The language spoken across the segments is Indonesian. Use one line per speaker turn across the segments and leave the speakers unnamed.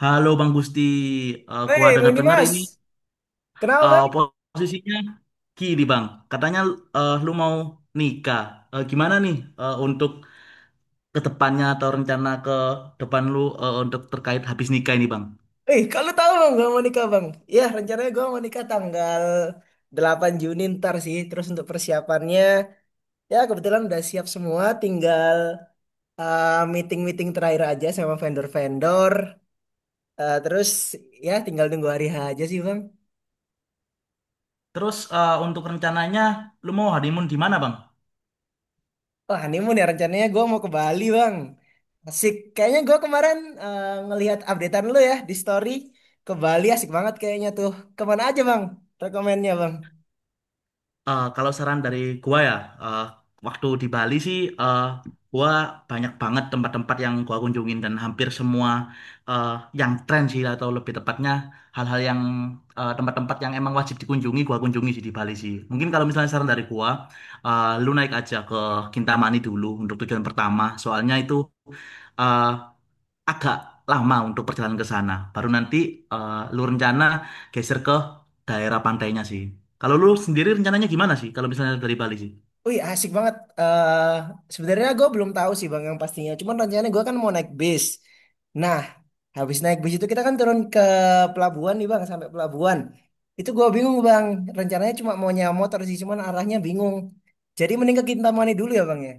Halo Bang Gusti. Gua
Hei, Bang
denger-denger ini,
Dimas. Kenapa, Bang?
posisinya kiri Bang. Katanya lu mau nikah. Gimana nih, untuk ke depannya atau rencana ke depan lu, untuk terkait habis nikah ini Bang?
Eh, kalau tahu, Bang, gua mau nikah, Bang. Ya, rencananya gua mau nikah tanggal 8 Juni ntar sih. Terus untuk persiapannya, ya kebetulan udah siap semua. Tinggal meeting-meeting terakhir aja sama vendor-vendor. Terus, ya tinggal nunggu hari H aja sih, Bang.
Terus untuk rencananya lu mau honeymoon di mana Bang?
Oh, honeymoon ya rencananya gua mau ke Bali, Bang. Asik. Kayaknya gua kemarin ngelihat updatean lu ya di story. Ke Bali asik banget kayaknya tuh. Kemana aja, Bang? Rekomennya, Bang.
Kalau saran dari gua ya, eh, waktu di Bali sih, gua banyak banget tempat-tempat yang gua kunjungin, dan hampir semua eh, yang tren sih, atau lebih tepatnya hal-hal yang, tempat-tempat yang emang wajib dikunjungi gua kunjungi sih di Bali sih. Mungkin kalau misalnya saran dari gua, lu naik aja ke Kintamani dulu untuk tujuan pertama. Soalnya itu eh, agak lama untuk perjalanan ke sana. Baru nanti lu rencana geser ke daerah pantainya sih. Kalau lu sendiri rencananya gimana sih? Kalau misalnya dari Bali sih?
Wih, asik banget. eh Sebenarnya gue belum tahu sih Bang yang pastinya. Cuman rencananya gue kan mau naik bis. Nah, habis naik bis itu kita kan turun ke pelabuhan nih Bang, sampai pelabuhan. Itu gue bingung Bang. Rencananya cuma mau nyewa motor sih, cuman arahnya bingung. Jadi mending ke Kintamani dulu ya Bang ya.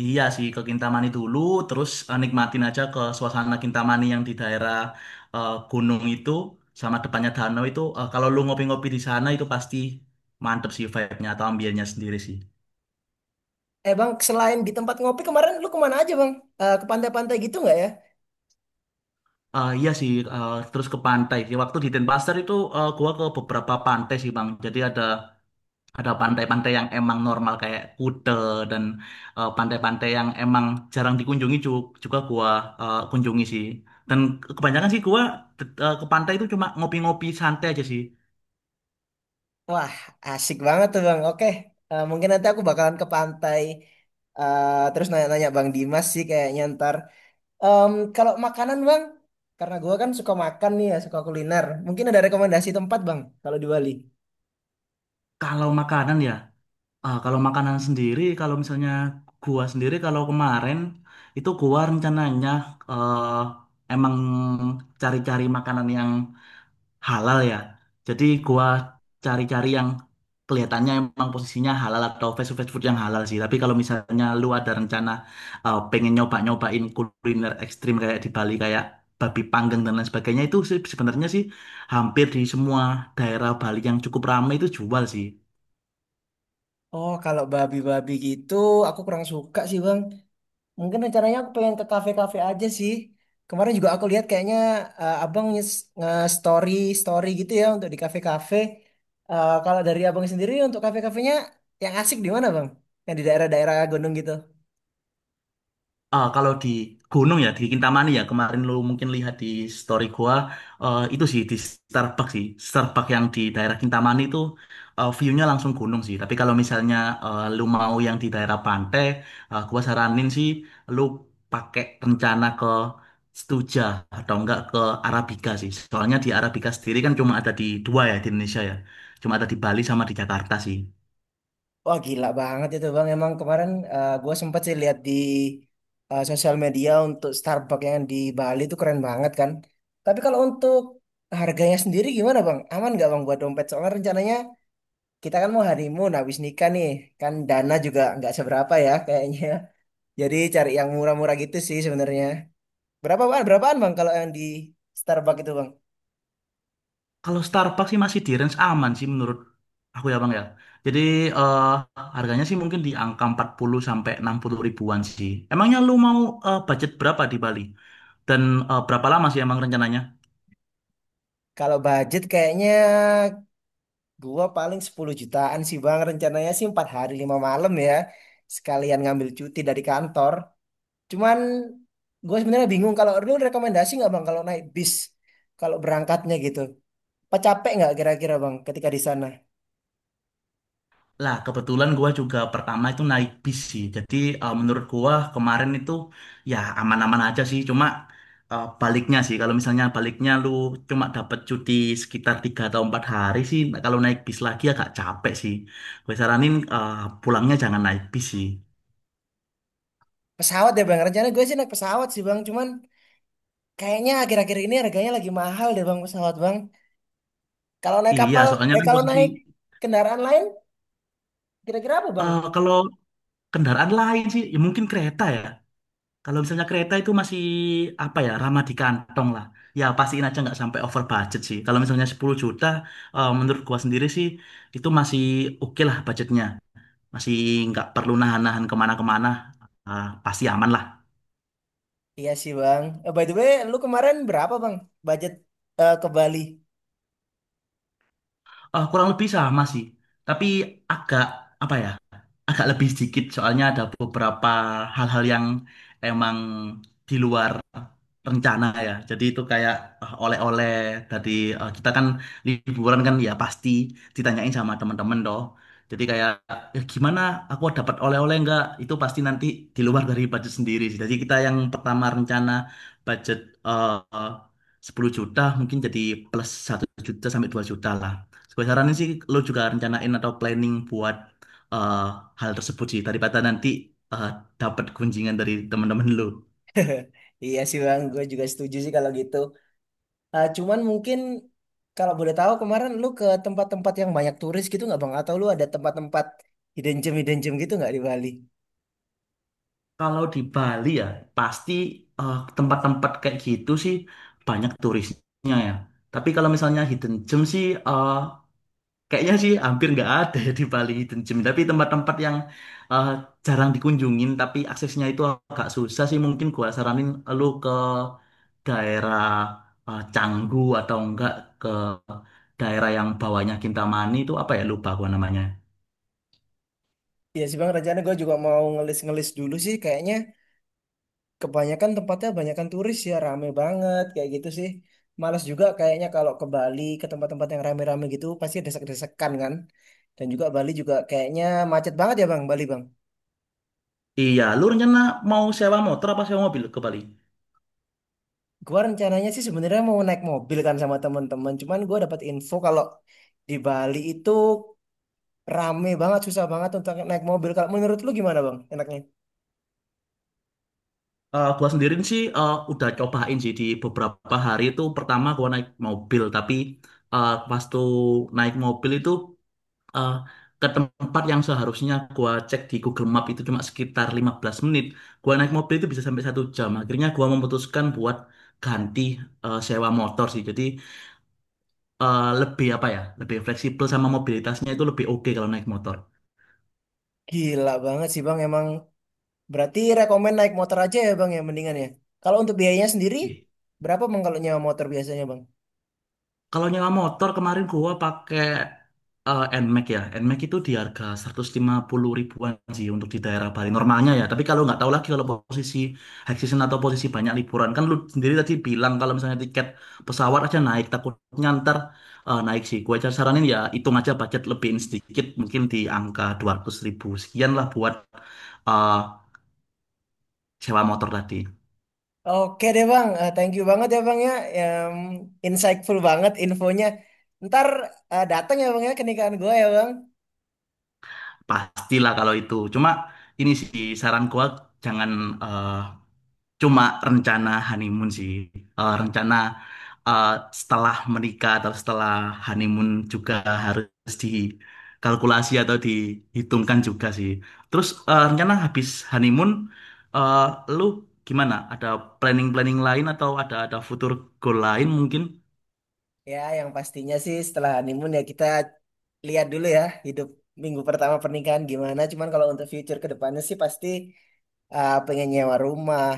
Iya sih, ke Kintamani dulu, terus nikmatin aja ke suasana Kintamani yang di daerah, gunung itu sama depannya danau itu. Eh, kalau lu ngopi-ngopi di sana itu pasti mantep sih, vibe-nya atau ambiennya sendiri sih.
Eh Bang, selain di tempat ngopi kemarin lu kemana aja Bang? Eh, ke pantai-pantai gitu nggak ya?
Iya sih, terus ke pantai sih. Waktu di Denpasar itu gua ke beberapa pantai sih Bang. Jadi ada. Ada pantai-pantai yang emang normal kayak Kute, dan pantai-pantai yang emang jarang dikunjungi juga gua kunjungi sih. Dan kebanyakan sih gua, ke pantai itu cuma ngopi-ngopi santai aja sih.
Wah, asik banget tuh Bang. Oke, mungkin nanti aku bakalan ke pantai. Terus nanya-nanya Bang Dimas sih kayaknya ntar. Kalau makanan bang, karena gua kan suka makan nih ya, suka kuliner. Mungkin ada rekomendasi tempat bang, kalau di Bali.
Kalau makanan ya, kalau makanan sendiri, kalau misalnya gua sendiri kalau kemarin itu gua rencananya, eh, emang cari-cari makanan yang halal ya. Jadi gua cari-cari yang kelihatannya emang posisinya halal, atau fast food yang halal sih. Tapi kalau misalnya lu ada rencana pengen nyoba-nyobain kuliner ekstrim kayak di Bali, kayak babi panggang dan lain sebagainya, itu sih sebenarnya sih hampir di semua daerah Bali yang cukup ramai itu jual sih.
Oh, kalau babi-babi gitu, aku kurang suka sih bang. Mungkin rencananya aku pengen ke kafe-kafe aja sih. Kemarin juga aku lihat kayaknya abang nge- nge-story story gitu ya untuk di kafe-kafe. Eh, kalau dari abang sendiri untuk kafe-kafenya yang asik di mana bang? Yang di daerah-daerah gunung gitu.
Ah, kalau di gunung ya di Kintamani ya, kemarin lu mungkin lihat di story gua, itu sih di Starbucks sih, Starbucks yang di daerah Kintamani itu, view-nya langsung gunung sih. Tapi kalau misalnya lu mau yang di daerah pantai, gua saranin sih lu pakai rencana ke Stuja, atau enggak ke Arabica sih, soalnya di Arabica sendiri kan cuma ada di dua ya di Indonesia ya, cuma ada di Bali sama di Jakarta sih.
Wah gila banget itu bang. Emang kemarin gue sempet sih lihat di sosial media untuk Starbucks yang di Bali itu keren banget kan. Tapi kalau untuk harganya sendiri gimana bang? Aman nggak bang buat dompet? Soalnya rencananya kita kan mau honeymoon habis nikah nih. Kan dana juga nggak seberapa ya kayaknya. Jadi cari yang murah-murah gitu sih sebenarnya. Berapa bang? Berapaan bang kalau yang di Starbucks itu bang?
Kalau Starbucks sih masih di range aman sih menurut aku ya Bang ya. Jadi eh, harganya sih mungkin di angka 40 sampai 60 ribuan sih. Emangnya lu mau, budget berapa di Bali? Dan berapa lama sih emang rencananya?
Kalau budget kayaknya gua paling 10 jutaan sih Bang. Rencananya sih 4 hari 5 malam ya. Sekalian ngambil cuti dari kantor. Cuman gue sebenarnya bingung kalau lu rekomendasi nggak Bang kalau naik bis kalau berangkatnya gitu. Apa capek nggak kira-kira Bang ketika di sana?
Lah, kebetulan gua juga pertama itu naik bis sih. Jadi menurut gua kemarin itu ya aman-aman aja sih. Cuma baliknya sih. Kalau misalnya baliknya lu cuma dapat cuti sekitar 3 atau 4 hari sih. Nah, kalau naik bis lagi agak capek sih. Gue saranin pulangnya jangan naik bis sih.
Pesawat ya Bang. Rencana gue sih naik pesawat sih Bang. Cuman kayaknya akhir-akhir ini harganya lagi mahal deh Bang pesawat Bang. Kalau naik
Iya,
kapal,
soalnya kan
kalau
posisi,
naik kendaraan lain kira-kira apa Bang?
kalau kendaraan lain sih, ya mungkin kereta ya. Kalau misalnya kereta itu masih apa ya, ramah di kantong lah. Ya pastiin aja nggak sampai over budget sih. Kalau misalnya 10 juta, menurut gua sendiri sih itu masih oke lah budgetnya. Masih nggak perlu nahan-nahan kemana-kemana. Ah, pasti aman lah.
Iya sih Bang. By the way, lu kemarin berapa Bang budget ke Bali?
Eh, kurang lebih sama sih. Tapi agak, apa ya? Agak lebih sedikit, soalnya ada beberapa hal-hal yang emang di luar rencana ya. Jadi itu kayak oleh-oleh tadi, kita kan liburan kan ya, pasti ditanyain sama teman-teman toh. Jadi kayak, "Eh, gimana, aku dapat oleh-oleh enggak?" Itu pasti nanti di luar dari budget sendiri sih. Jadi kita yang pertama rencana budget eh 10 juta, mungkin jadi plus satu juta sampai 2 juta lah. Gue saranin sih lo juga rencanain atau planning buat eh, hal tersebut sih, daripada nanti eh, dapat gunjingan dari teman-teman lu.
Iya sih Bang, gue juga setuju sih kalau gitu. Ah, cuman mungkin kalau boleh tahu kemarin lu ke tempat-tempat yang banyak turis gitu nggak Bang? Atau lu ada tempat-tempat hidden gem gitu nggak di Bali?
Kalau di Bali ya pasti tempat-tempat kayak gitu sih banyak turisnya ya. Tapi kalau misalnya hidden gem sih, kayaknya sih hampir nggak ada ya di Bali Hidden Gem. Tapi tempat-tempat yang eh, jarang dikunjungin, tapi aksesnya itu agak susah sih. Mungkin gua saranin lu ke daerah Canggu, atau enggak ke daerah yang bawahnya Kintamani itu apa ya? Lupa gua namanya.
Iya sih Bang, rencana gue juga mau ngelis-ngelis dulu sih. Kayaknya kebanyakan tempatnya banyakan turis ya, rame banget kayak gitu sih. Males juga kayaknya kalau ke Bali ke tempat-tempat yang rame-rame gitu pasti desek-desekan kan. Dan juga Bali juga kayaknya macet banget ya Bang, Bali Bang.
Iya, lu rencana mau sewa motor apa sewa mobil ke Bali?
Gua rencananya sih sebenarnya mau naik mobil kan sama teman-teman. Cuman gua dapat info kalau di Bali itu rame banget, susah banget untuk naik mobil. Kalau menurut lu gimana bang? Enaknya?
Gua sendiri sih udah cobain sih. Di beberapa hari itu pertama gua naik mobil, tapi pas tuh naik mobil itu eh, ke tempat yang seharusnya gua cek di Google Map itu cuma sekitar 15 menit, gua naik mobil itu bisa sampai satu jam. Akhirnya gua memutuskan buat ganti, sewa motor sih. Jadi lebih apa ya, lebih fleksibel, sama mobilitasnya itu lebih oke kalau naik motor.
Gila banget sih bang. Emang berarti rekomen naik motor aja ya bang ya mendingan ya. Kalau untuk biayanya sendiri
Gitu.
berapa bang kalau nyewa motor biasanya bang?
Kalau nyewa motor kemarin gua pakai, Nmax ya. Nmax itu di harga 150 ribuan sih untuk di daerah Bali normalnya ya. Tapi kalau nggak tahu lagi kalau posisi high season, atau posisi banyak liburan, kan lu sendiri tadi bilang kalau misalnya tiket pesawat aja naik, takutnya ntar naik sih. Gue aja saranin ya, hitung aja budget, lebihin sedikit mungkin di angka 200 ribu sekian lah buat eh, sewa motor tadi.
Oke deh bang, thank you banget ya bang ya, Em, insightful banget infonya. Ntar datang ya bang ya ke nikahan gue ya bang.
Pastilah kalau itu. Cuma ini sih saran gua, jangan eh, cuma rencana honeymoon sih. Rencana eh, setelah menikah atau setelah honeymoon juga harus dikalkulasi atau dihitungkan juga sih. Terus rencana habis honeymoon, eh, lu gimana? Ada planning-planning lain, atau ada future goal lain mungkin?
Ya, yang pastinya sih setelah honeymoon ya kita lihat dulu ya hidup minggu pertama pernikahan gimana. Cuman kalau untuk future ke depannya sih pasti pengen nyewa rumah.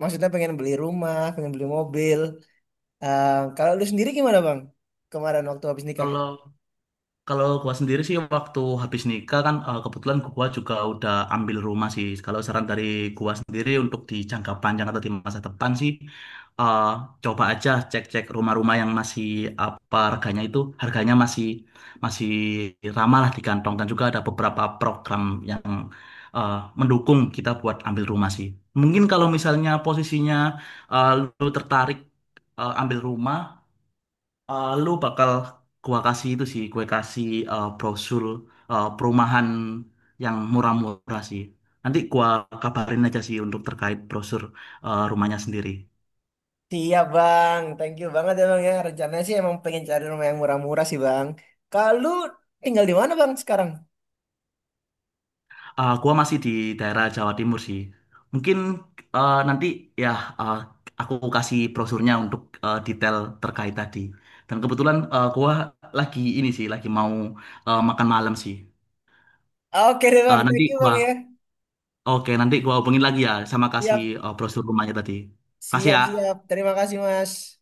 Maksudnya pengen beli rumah, pengen beli mobil. Eh, Kalau lu sendiri gimana bang? Kemarin waktu habis nikah.
Kalau Kalau gua sendiri sih waktu habis nikah kan, kebetulan gua juga udah ambil rumah sih. Kalau saran dari gua sendiri untuk di jangka panjang atau di masa depan sih, eh, coba aja cek-cek rumah-rumah yang masih apa, harganya itu harganya masih masih ramah lah di kantong, dan juga ada beberapa program yang eh, mendukung kita buat ambil rumah sih. Mungkin kalau misalnya posisinya eh, lu tertarik ambil rumah. Eh, lu bakal gua kasih itu sih, gue kasih brosur perumahan yang murah-murah sih. Nanti gua kabarin aja sih untuk terkait brosur rumahnya sendiri.
Siap bang, thank you banget ya bang ya. Rencananya sih emang pengen cari rumah yang murah-murah sih bang. Kalau lu tinggal di mana bang sekarang?
Eh, gua masih di daerah Jawa Timur sih. Mungkin nanti ya, eh, aku kasih brosurnya untuk detail terkait tadi. Dan kebetulan gua lagi ini sih, lagi mau makan malam sih.
Oke deh bang,
Eh,
thank
nanti
you bang ya.
gua Oke, nanti gua hubungin lagi ya, sama kasih
Siap,
brosur rumahnya tadi. Kasih
siap,
ya.
siap. Terima kasih mas.